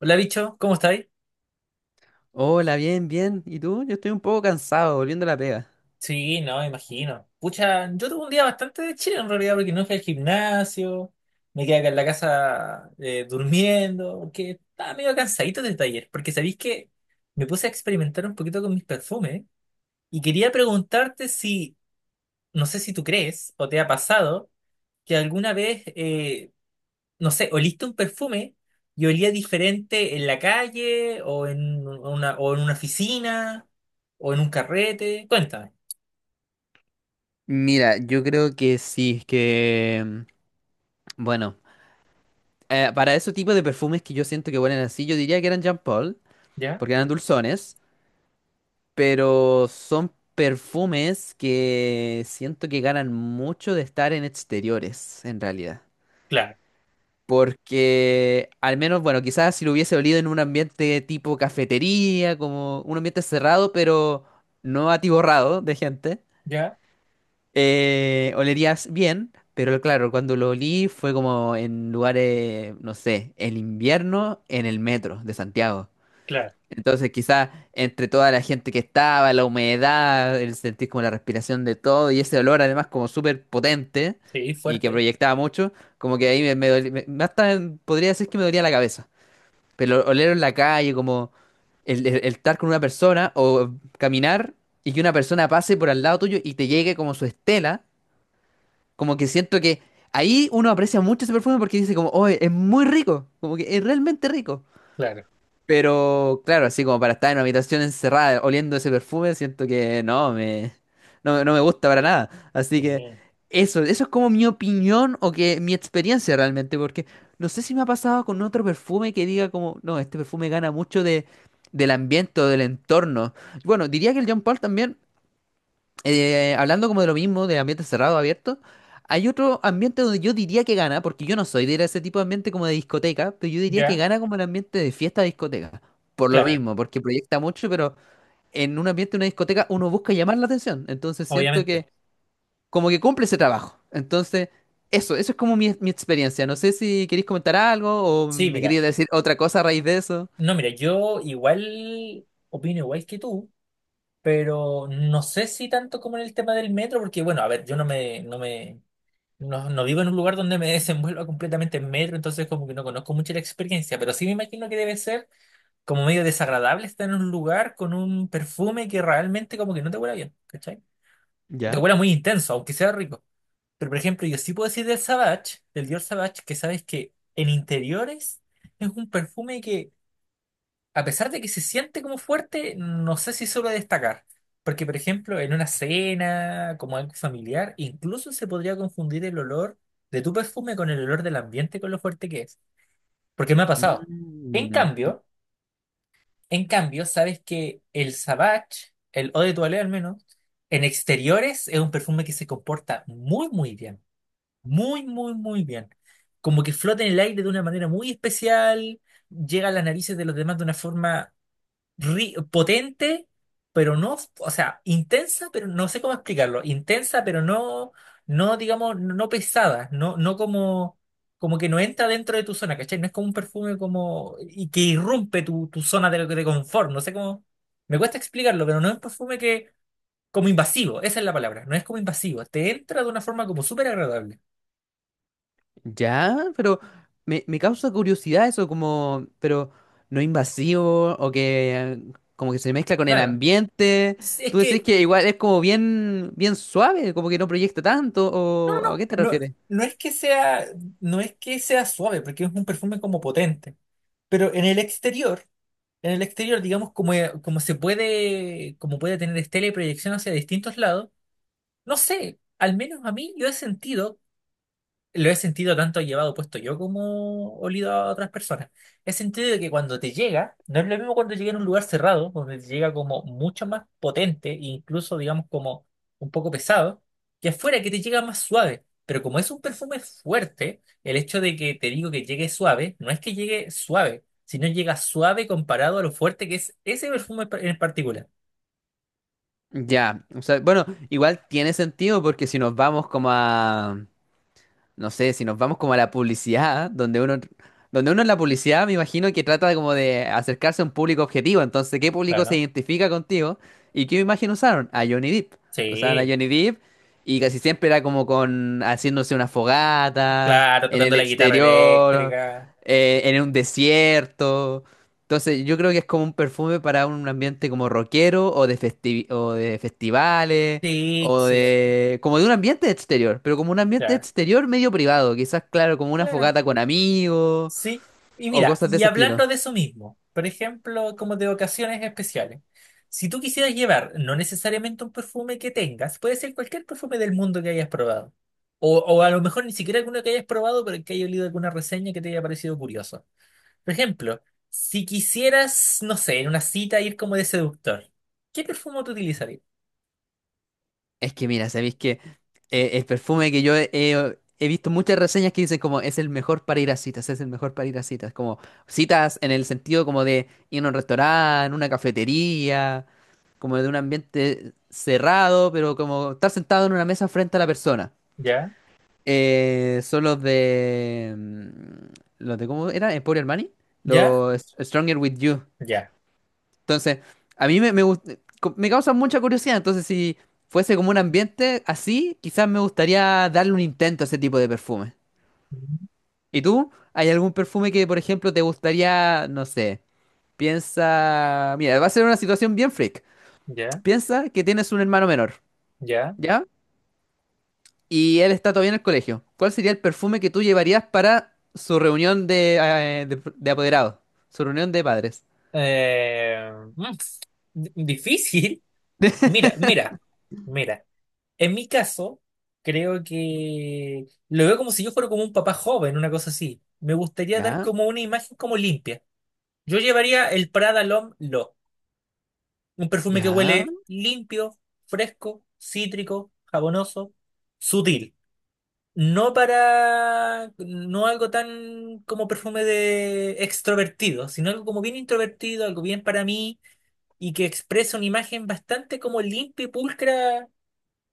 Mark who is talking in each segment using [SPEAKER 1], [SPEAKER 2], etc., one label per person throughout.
[SPEAKER 1] Hola, bicho, ¿cómo estáis?
[SPEAKER 2] Hola, bien, bien. ¿Y tú? Yo estoy un poco cansado, volviendo a la pega.
[SPEAKER 1] Sí, no, me imagino. Pucha, yo tuve un día bastante de chile en realidad porque no fui al gimnasio, me quedé acá en la casa, durmiendo, porque estaba medio cansadito del taller, porque sabéis que me puse a experimentar un poquito con mis perfumes y quería preguntarte si, no sé si tú crees o te ha pasado que alguna vez, no sé, oliste un perfume y olía diferente en la calle o en una oficina o en un carrete, cuéntame.
[SPEAKER 2] Mira, yo creo que sí, Bueno, para ese tipo de perfumes que yo siento que huelen así, yo diría que eran Jean Paul,
[SPEAKER 1] Ya,
[SPEAKER 2] porque eran dulzones, pero son perfumes que siento que ganan mucho de estar en exteriores, en realidad.
[SPEAKER 1] claro,
[SPEAKER 2] Porque, al menos, bueno, quizás si lo hubiese olido en un ambiente tipo cafetería, como un ambiente cerrado, pero no atiborrado de gente.
[SPEAKER 1] ya,
[SPEAKER 2] Olerías bien, pero claro, cuando lo olí fue como en lugares, no sé, el invierno en el metro de Santiago.
[SPEAKER 1] claro.
[SPEAKER 2] Entonces quizás entre toda la gente que estaba, la humedad, el sentir como la respiración de todo y ese olor además como súper potente
[SPEAKER 1] Sí,
[SPEAKER 2] y que
[SPEAKER 1] fuerte,
[SPEAKER 2] proyectaba mucho, como que ahí me hasta podría decir que me dolía la cabeza. Pero oler en la calle, como el estar con una persona o caminar y que una persona pase por al lado tuyo y te llegue como su estela. Como que siento que ahí uno aprecia mucho ese perfume porque dice como, oh, es muy rico, como que es realmente rico.
[SPEAKER 1] claro,
[SPEAKER 2] Pero claro, así como para estar en una habitación encerrada oliendo ese perfume, siento que no me gusta para nada. Así que
[SPEAKER 1] sí,
[SPEAKER 2] eso es como mi opinión o que mi experiencia realmente, porque no sé si me ha pasado con otro perfume que diga como, no, este perfume gana mucho de, del ambiente o del entorno. Bueno, diría que el Jean Paul también hablando como de lo mismo, de ambiente cerrado, abierto, hay otro ambiente donde yo diría que gana, porque yo no soy de ir a ese tipo de ambiente como de discoteca, pero yo diría que
[SPEAKER 1] ya,
[SPEAKER 2] gana como el ambiente de fiesta discoteca. Por lo
[SPEAKER 1] claro,
[SPEAKER 2] mismo, porque proyecta mucho, pero en un ambiente de una discoteca uno busca llamar la atención. Entonces siento
[SPEAKER 1] obviamente.
[SPEAKER 2] que como que cumple ese trabajo. Entonces, eso es como mi experiencia. No sé si queréis comentar algo o
[SPEAKER 1] Sí,
[SPEAKER 2] me
[SPEAKER 1] mira,
[SPEAKER 2] queréis decir otra cosa a raíz de eso.
[SPEAKER 1] no, mira, yo igual opino igual que tú, pero no sé si tanto como en el tema del metro, porque bueno, a ver, yo no me, no me, no, no vivo en un lugar donde me desenvuelva completamente en metro, entonces como que no conozco mucho la experiencia, pero sí me imagino que debe ser como medio desagradable estar en un lugar con un perfume que realmente como que no te huela bien, ¿cachai? O te
[SPEAKER 2] ¿Ya?
[SPEAKER 1] huela muy intenso, aunque sea rico. Pero, por ejemplo, yo sí puedo decir del Savage, del Dior Savage, que sabes que en interiores es un perfume que, a pesar de que se siente como fuerte, no sé si suele destacar. Porque, por ejemplo, en una cena, como algo familiar, incluso se podría confundir el olor de tu perfume con el olor del ambiente, con lo fuerte que es. Porque me ha pasado. En
[SPEAKER 2] Mm.
[SPEAKER 1] cambio, en cambio, sabes que el Savage, el Eau de Toilette al menos, en exteriores es un perfume que se comporta muy, muy bien. Muy, muy, muy bien. Como que flota en el aire de una manera muy especial, llega a las narices de los demás de una forma potente, pero no, o sea, intensa, pero no sé cómo explicarlo. Intensa, pero no, no, digamos, no pesada, no, no como, como que no entra dentro de tu zona, ¿cachai? No es como un perfume como, y que irrumpe tu zona de confort, no sé cómo, me cuesta explicarlo, pero no es un perfume que, como invasivo, esa es la palabra, no es como invasivo, te entra de una forma como súper agradable.
[SPEAKER 2] Ya, pero me causa curiosidad eso, como, pero no invasivo o que como que se mezcla con el
[SPEAKER 1] Claro.
[SPEAKER 2] ambiente.
[SPEAKER 1] Es es
[SPEAKER 2] Tú decís
[SPEAKER 1] que,
[SPEAKER 2] que igual es como bien, bien suave, como que no proyecta tanto,
[SPEAKER 1] no, no,
[SPEAKER 2] o ¿a qué te
[SPEAKER 1] no, no,
[SPEAKER 2] refieres?
[SPEAKER 1] no es que sea, no es que sea suave, porque es un perfume como potente, pero en el exterior, digamos, como, como se puede, como puede tener estela y proyección hacia distintos lados, no sé, al menos a mí yo he sentido lo he sentido tanto llevado puesto yo como olido a otras personas. He sentido de que cuando te llega, no es lo mismo cuando llega en un lugar cerrado, donde te llega como mucho más potente, e incluso digamos como un poco pesado, que afuera que te llega más suave. Pero como es un perfume fuerte, el hecho de que te digo que llegue suave, no es que llegue suave, sino llega suave comparado a lo fuerte que es ese perfume en particular.
[SPEAKER 2] Ya, o sea, bueno, igual tiene sentido porque si nos vamos como a no sé, si nos vamos como a la publicidad, donde uno en la publicidad me imagino que trata de como de acercarse a un público objetivo. Entonces, ¿qué público se
[SPEAKER 1] Claro.
[SPEAKER 2] identifica contigo? ¿Y qué imagen usaron? A Johnny Depp. Usaban a
[SPEAKER 1] Sí,
[SPEAKER 2] Johnny Depp y casi siempre era como con haciéndose una fogata,
[SPEAKER 1] claro,
[SPEAKER 2] en
[SPEAKER 1] tocando
[SPEAKER 2] el
[SPEAKER 1] la guitarra
[SPEAKER 2] exterior,
[SPEAKER 1] eléctrica.
[SPEAKER 2] en un desierto. Entonces, yo creo que es como un perfume para un ambiente como rockero o de o de festivales
[SPEAKER 1] Sí,
[SPEAKER 2] o
[SPEAKER 1] sí,
[SPEAKER 2] de, como de un ambiente exterior, pero como un ambiente
[SPEAKER 1] claro.
[SPEAKER 2] exterior medio privado, quizás, claro, como una
[SPEAKER 1] Claro.
[SPEAKER 2] fogata con amigos
[SPEAKER 1] Sí, y
[SPEAKER 2] o
[SPEAKER 1] mira,
[SPEAKER 2] cosas de
[SPEAKER 1] y
[SPEAKER 2] ese estilo.
[SPEAKER 1] hablando de eso mismo, por ejemplo, como de ocasiones especiales, si tú quisieras llevar no necesariamente un perfume que tengas, puede ser cualquier perfume del mundo que hayas probado, o a lo mejor ni siquiera alguno que hayas probado, pero que haya leído alguna reseña que te haya parecido curioso. Por ejemplo, si quisieras, no sé, en una cita ir como de seductor, ¿qué perfume tú utilizarías?
[SPEAKER 2] Es que mira, sabéis que el perfume que yo he visto muchas reseñas que dicen como es el mejor para ir a citas, es el mejor para ir a citas, como citas en el sentido como de ir a un restaurante, una cafetería, como de un ambiente cerrado, pero como estar sentado en una mesa frente a la persona.
[SPEAKER 1] ¿Ya?
[SPEAKER 2] Son los de. Mm, Los de ¿cómo era? Emporio Armani.
[SPEAKER 1] ¿Ya?
[SPEAKER 2] Los Stronger With You.
[SPEAKER 1] ¿Ya?
[SPEAKER 2] Entonces, a mí me causa mucha curiosidad. Entonces, si fuese como un ambiente así, quizás me gustaría darle un intento a ese tipo de perfume. ¿Y tú? ¿Hay algún perfume que, por ejemplo, te gustaría, no sé, piensa? Mira, va a ser una situación bien freak.
[SPEAKER 1] ¿Ya?
[SPEAKER 2] Piensa que tienes un hermano menor,
[SPEAKER 1] ¿Ya?
[SPEAKER 2] ¿ya? Y él está todavía en el colegio. ¿Cuál sería el perfume que tú llevarías para su reunión de, de apoderados? Su reunión de padres.
[SPEAKER 1] Eh, mm, Difícil. Mira, mira, mira. En mi caso, creo que lo veo como si yo fuera como un papá joven, una cosa así. Me gustaría dar
[SPEAKER 2] ¿Ya?
[SPEAKER 1] como una imagen como limpia. Yo llevaría el Prada L'Homme Lo, un perfume que
[SPEAKER 2] ¿Ya?
[SPEAKER 1] huele limpio, fresco, cítrico, jabonoso, sutil. No para, no algo tan como perfume de extrovertido, sino algo como bien introvertido, algo bien para mí y que expresa una imagen bastante como limpia y pulcra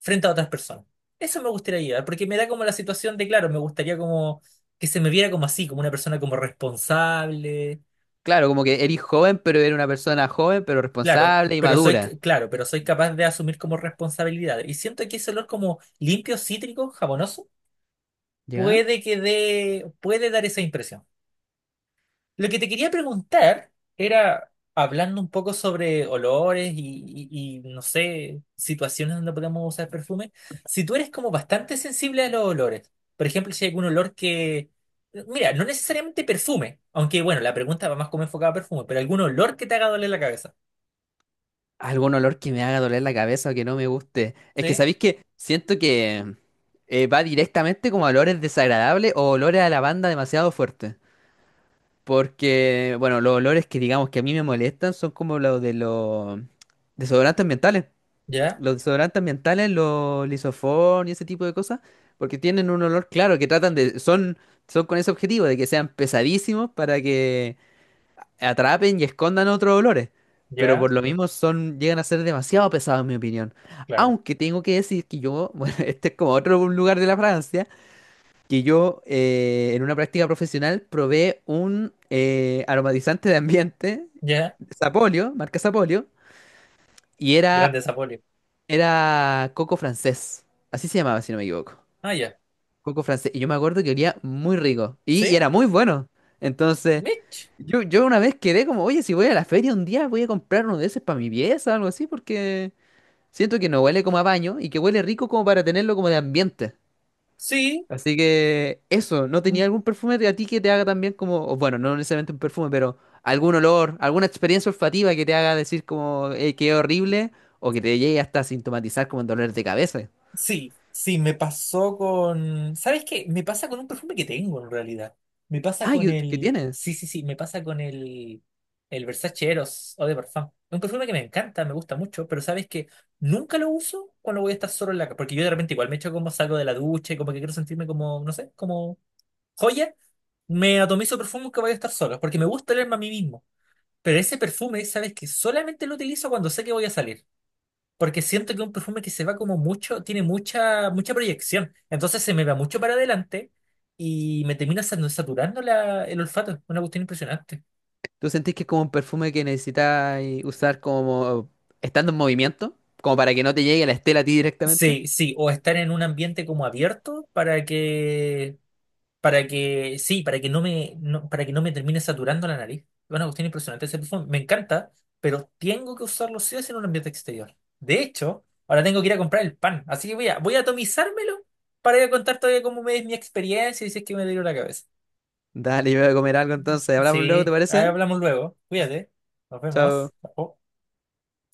[SPEAKER 1] frente a otras personas. Eso me gustaría llevar, porque me da como la situación de, claro, me gustaría como que se me viera como así, como una persona como responsable.
[SPEAKER 2] Claro, como que eres joven, pero eres una persona joven, pero responsable y madura.
[SPEAKER 1] Claro, pero soy capaz de asumir como responsabilidad. Y siento que ese olor como limpio, cítrico, jabonoso,
[SPEAKER 2] ¿Ya?
[SPEAKER 1] puede que dé, puede dar esa impresión. Lo que te quería preguntar era, hablando un poco sobre olores y, no sé, situaciones donde podemos usar perfume, si tú eres como bastante sensible a los olores, por ejemplo, si hay algún olor que, mira, no necesariamente perfume, aunque bueno, la pregunta va más como enfocada a perfume, pero algún olor que te haga doler la cabeza,
[SPEAKER 2] Algún olor que me haga doler la cabeza o que no me guste. Es que
[SPEAKER 1] ¿sí?
[SPEAKER 2] sabéis que siento que va directamente como a olores desagradables o olores a lavanda demasiado fuertes. Porque, bueno, los olores que digamos que a mí me molestan son como los de los desodorantes ambientales.
[SPEAKER 1] Ya,
[SPEAKER 2] Los desodorantes ambientales, los lisofón y ese tipo de cosas, porque tienen un olor claro que son con ese objetivo de que sean pesadísimos para que atrapen y escondan otros olores. Pero
[SPEAKER 1] ya,
[SPEAKER 2] por lo mismo son, llegan a ser demasiado pesados en mi opinión.
[SPEAKER 1] claro,
[SPEAKER 2] Aunque tengo que decir que yo, bueno, este es como otro lugar de la Francia, que yo en una práctica profesional probé un aromatizante de ambiente,
[SPEAKER 1] ya,
[SPEAKER 2] Sapolio, marca Sapolio, y
[SPEAKER 1] grande
[SPEAKER 2] era
[SPEAKER 1] Zapolio.
[SPEAKER 2] era coco francés. Así se llamaba, si no me equivoco.
[SPEAKER 1] Ah, ya,
[SPEAKER 2] Coco francés. Y yo me acuerdo que olía muy rico. Y
[SPEAKER 1] ¿sí?
[SPEAKER 2] era muy bueno. Entonces,
[SPEAKER 1] Mitch,
[SPEAKER 2] yo una vez quedé como, oye, si voy a la feria un día, voy a comprar uno de esos para mi pieza o algo así, porque siento que no huele como a baño y que huele rico como para tenerlo como de ambiente.
[SPEAKER 1] sí.
[SPEAKER 2] Así que eso, ¿no tenía algún perfume de a ti que te haga también como, o bueno, no necesariamente un perfume, pero algún olor, alguna experiencia olfativa que te haga decir como, que qué horrible, o que te llegue hasta a sintomatizar como dolor de cabeza?
[SPEAKER 1] Sí, sí, me pasó con... ¿Sabes qué? Me pasa con un perfume que tengo en realidad. Me pasa
[SPEAKER 2] Ah,
[SPEAKER 1] con
[SPEAKER 2] ¿qué
[SPEAKER 1] el...
[SPEAKER 2] tienes?
[SPEAKER 1] Sí, sí, sí, me pasa con el... El Versace Eros Eau de Parfum. Es un perfume que me encanta, me gusta mucho, pero ¿sabes que nunca lo uso cuando voy a estar solo en la casa? Porque yo de repente igual me echo, como salgo de la ducha y como que quiero sentirme como, no sé, como joya. Me atomizo perfume que voy a estar solo, porque me gusta olerme a mí mismo. Pero ese perfume, ¿sabes que solamente lo utilizo cuando sé que voy a salir? Porque siento que es un perfume que se va como mucho, tiene mucha, mucha proyección. Entonces se me va mucho para adelante y me termina saturando el olfato. Una cuestión impresionante.
[SPEAKER 2] ¿Tú sentís que es como un perfume que necesitas usar como estando en movimiento? Como para que no te llegue la estela a ti directamente.
[SPEAKER 1] Sí, sí, o estar en un ambiente como abierto para que, sí, para que no me, no- para que no me termine saturando la nariz. Una cuestión impresionante ese perfume. Me encanta, pero tengo que usarlo sí o sí en un ambiente exterior. De hecho, ahora tengo que ir a comprar el pan. Así que voy a, voy a atomizármelo para ir a contar todavía cómo me es mi experiencia y si es que me dio la cabeza.
[SPEAKER 2] Dale, yo voy a comer algo entonces. Hablamos luego, ¿te
[SPEAKER 1] Sí, ahí
[SPEAKER 2] parece?
[SPEAKER 1] hablamos luego. Cuídate. Nos vemos.
[SPEAKER 2] Chao.
[SPEAKER 1] Chao.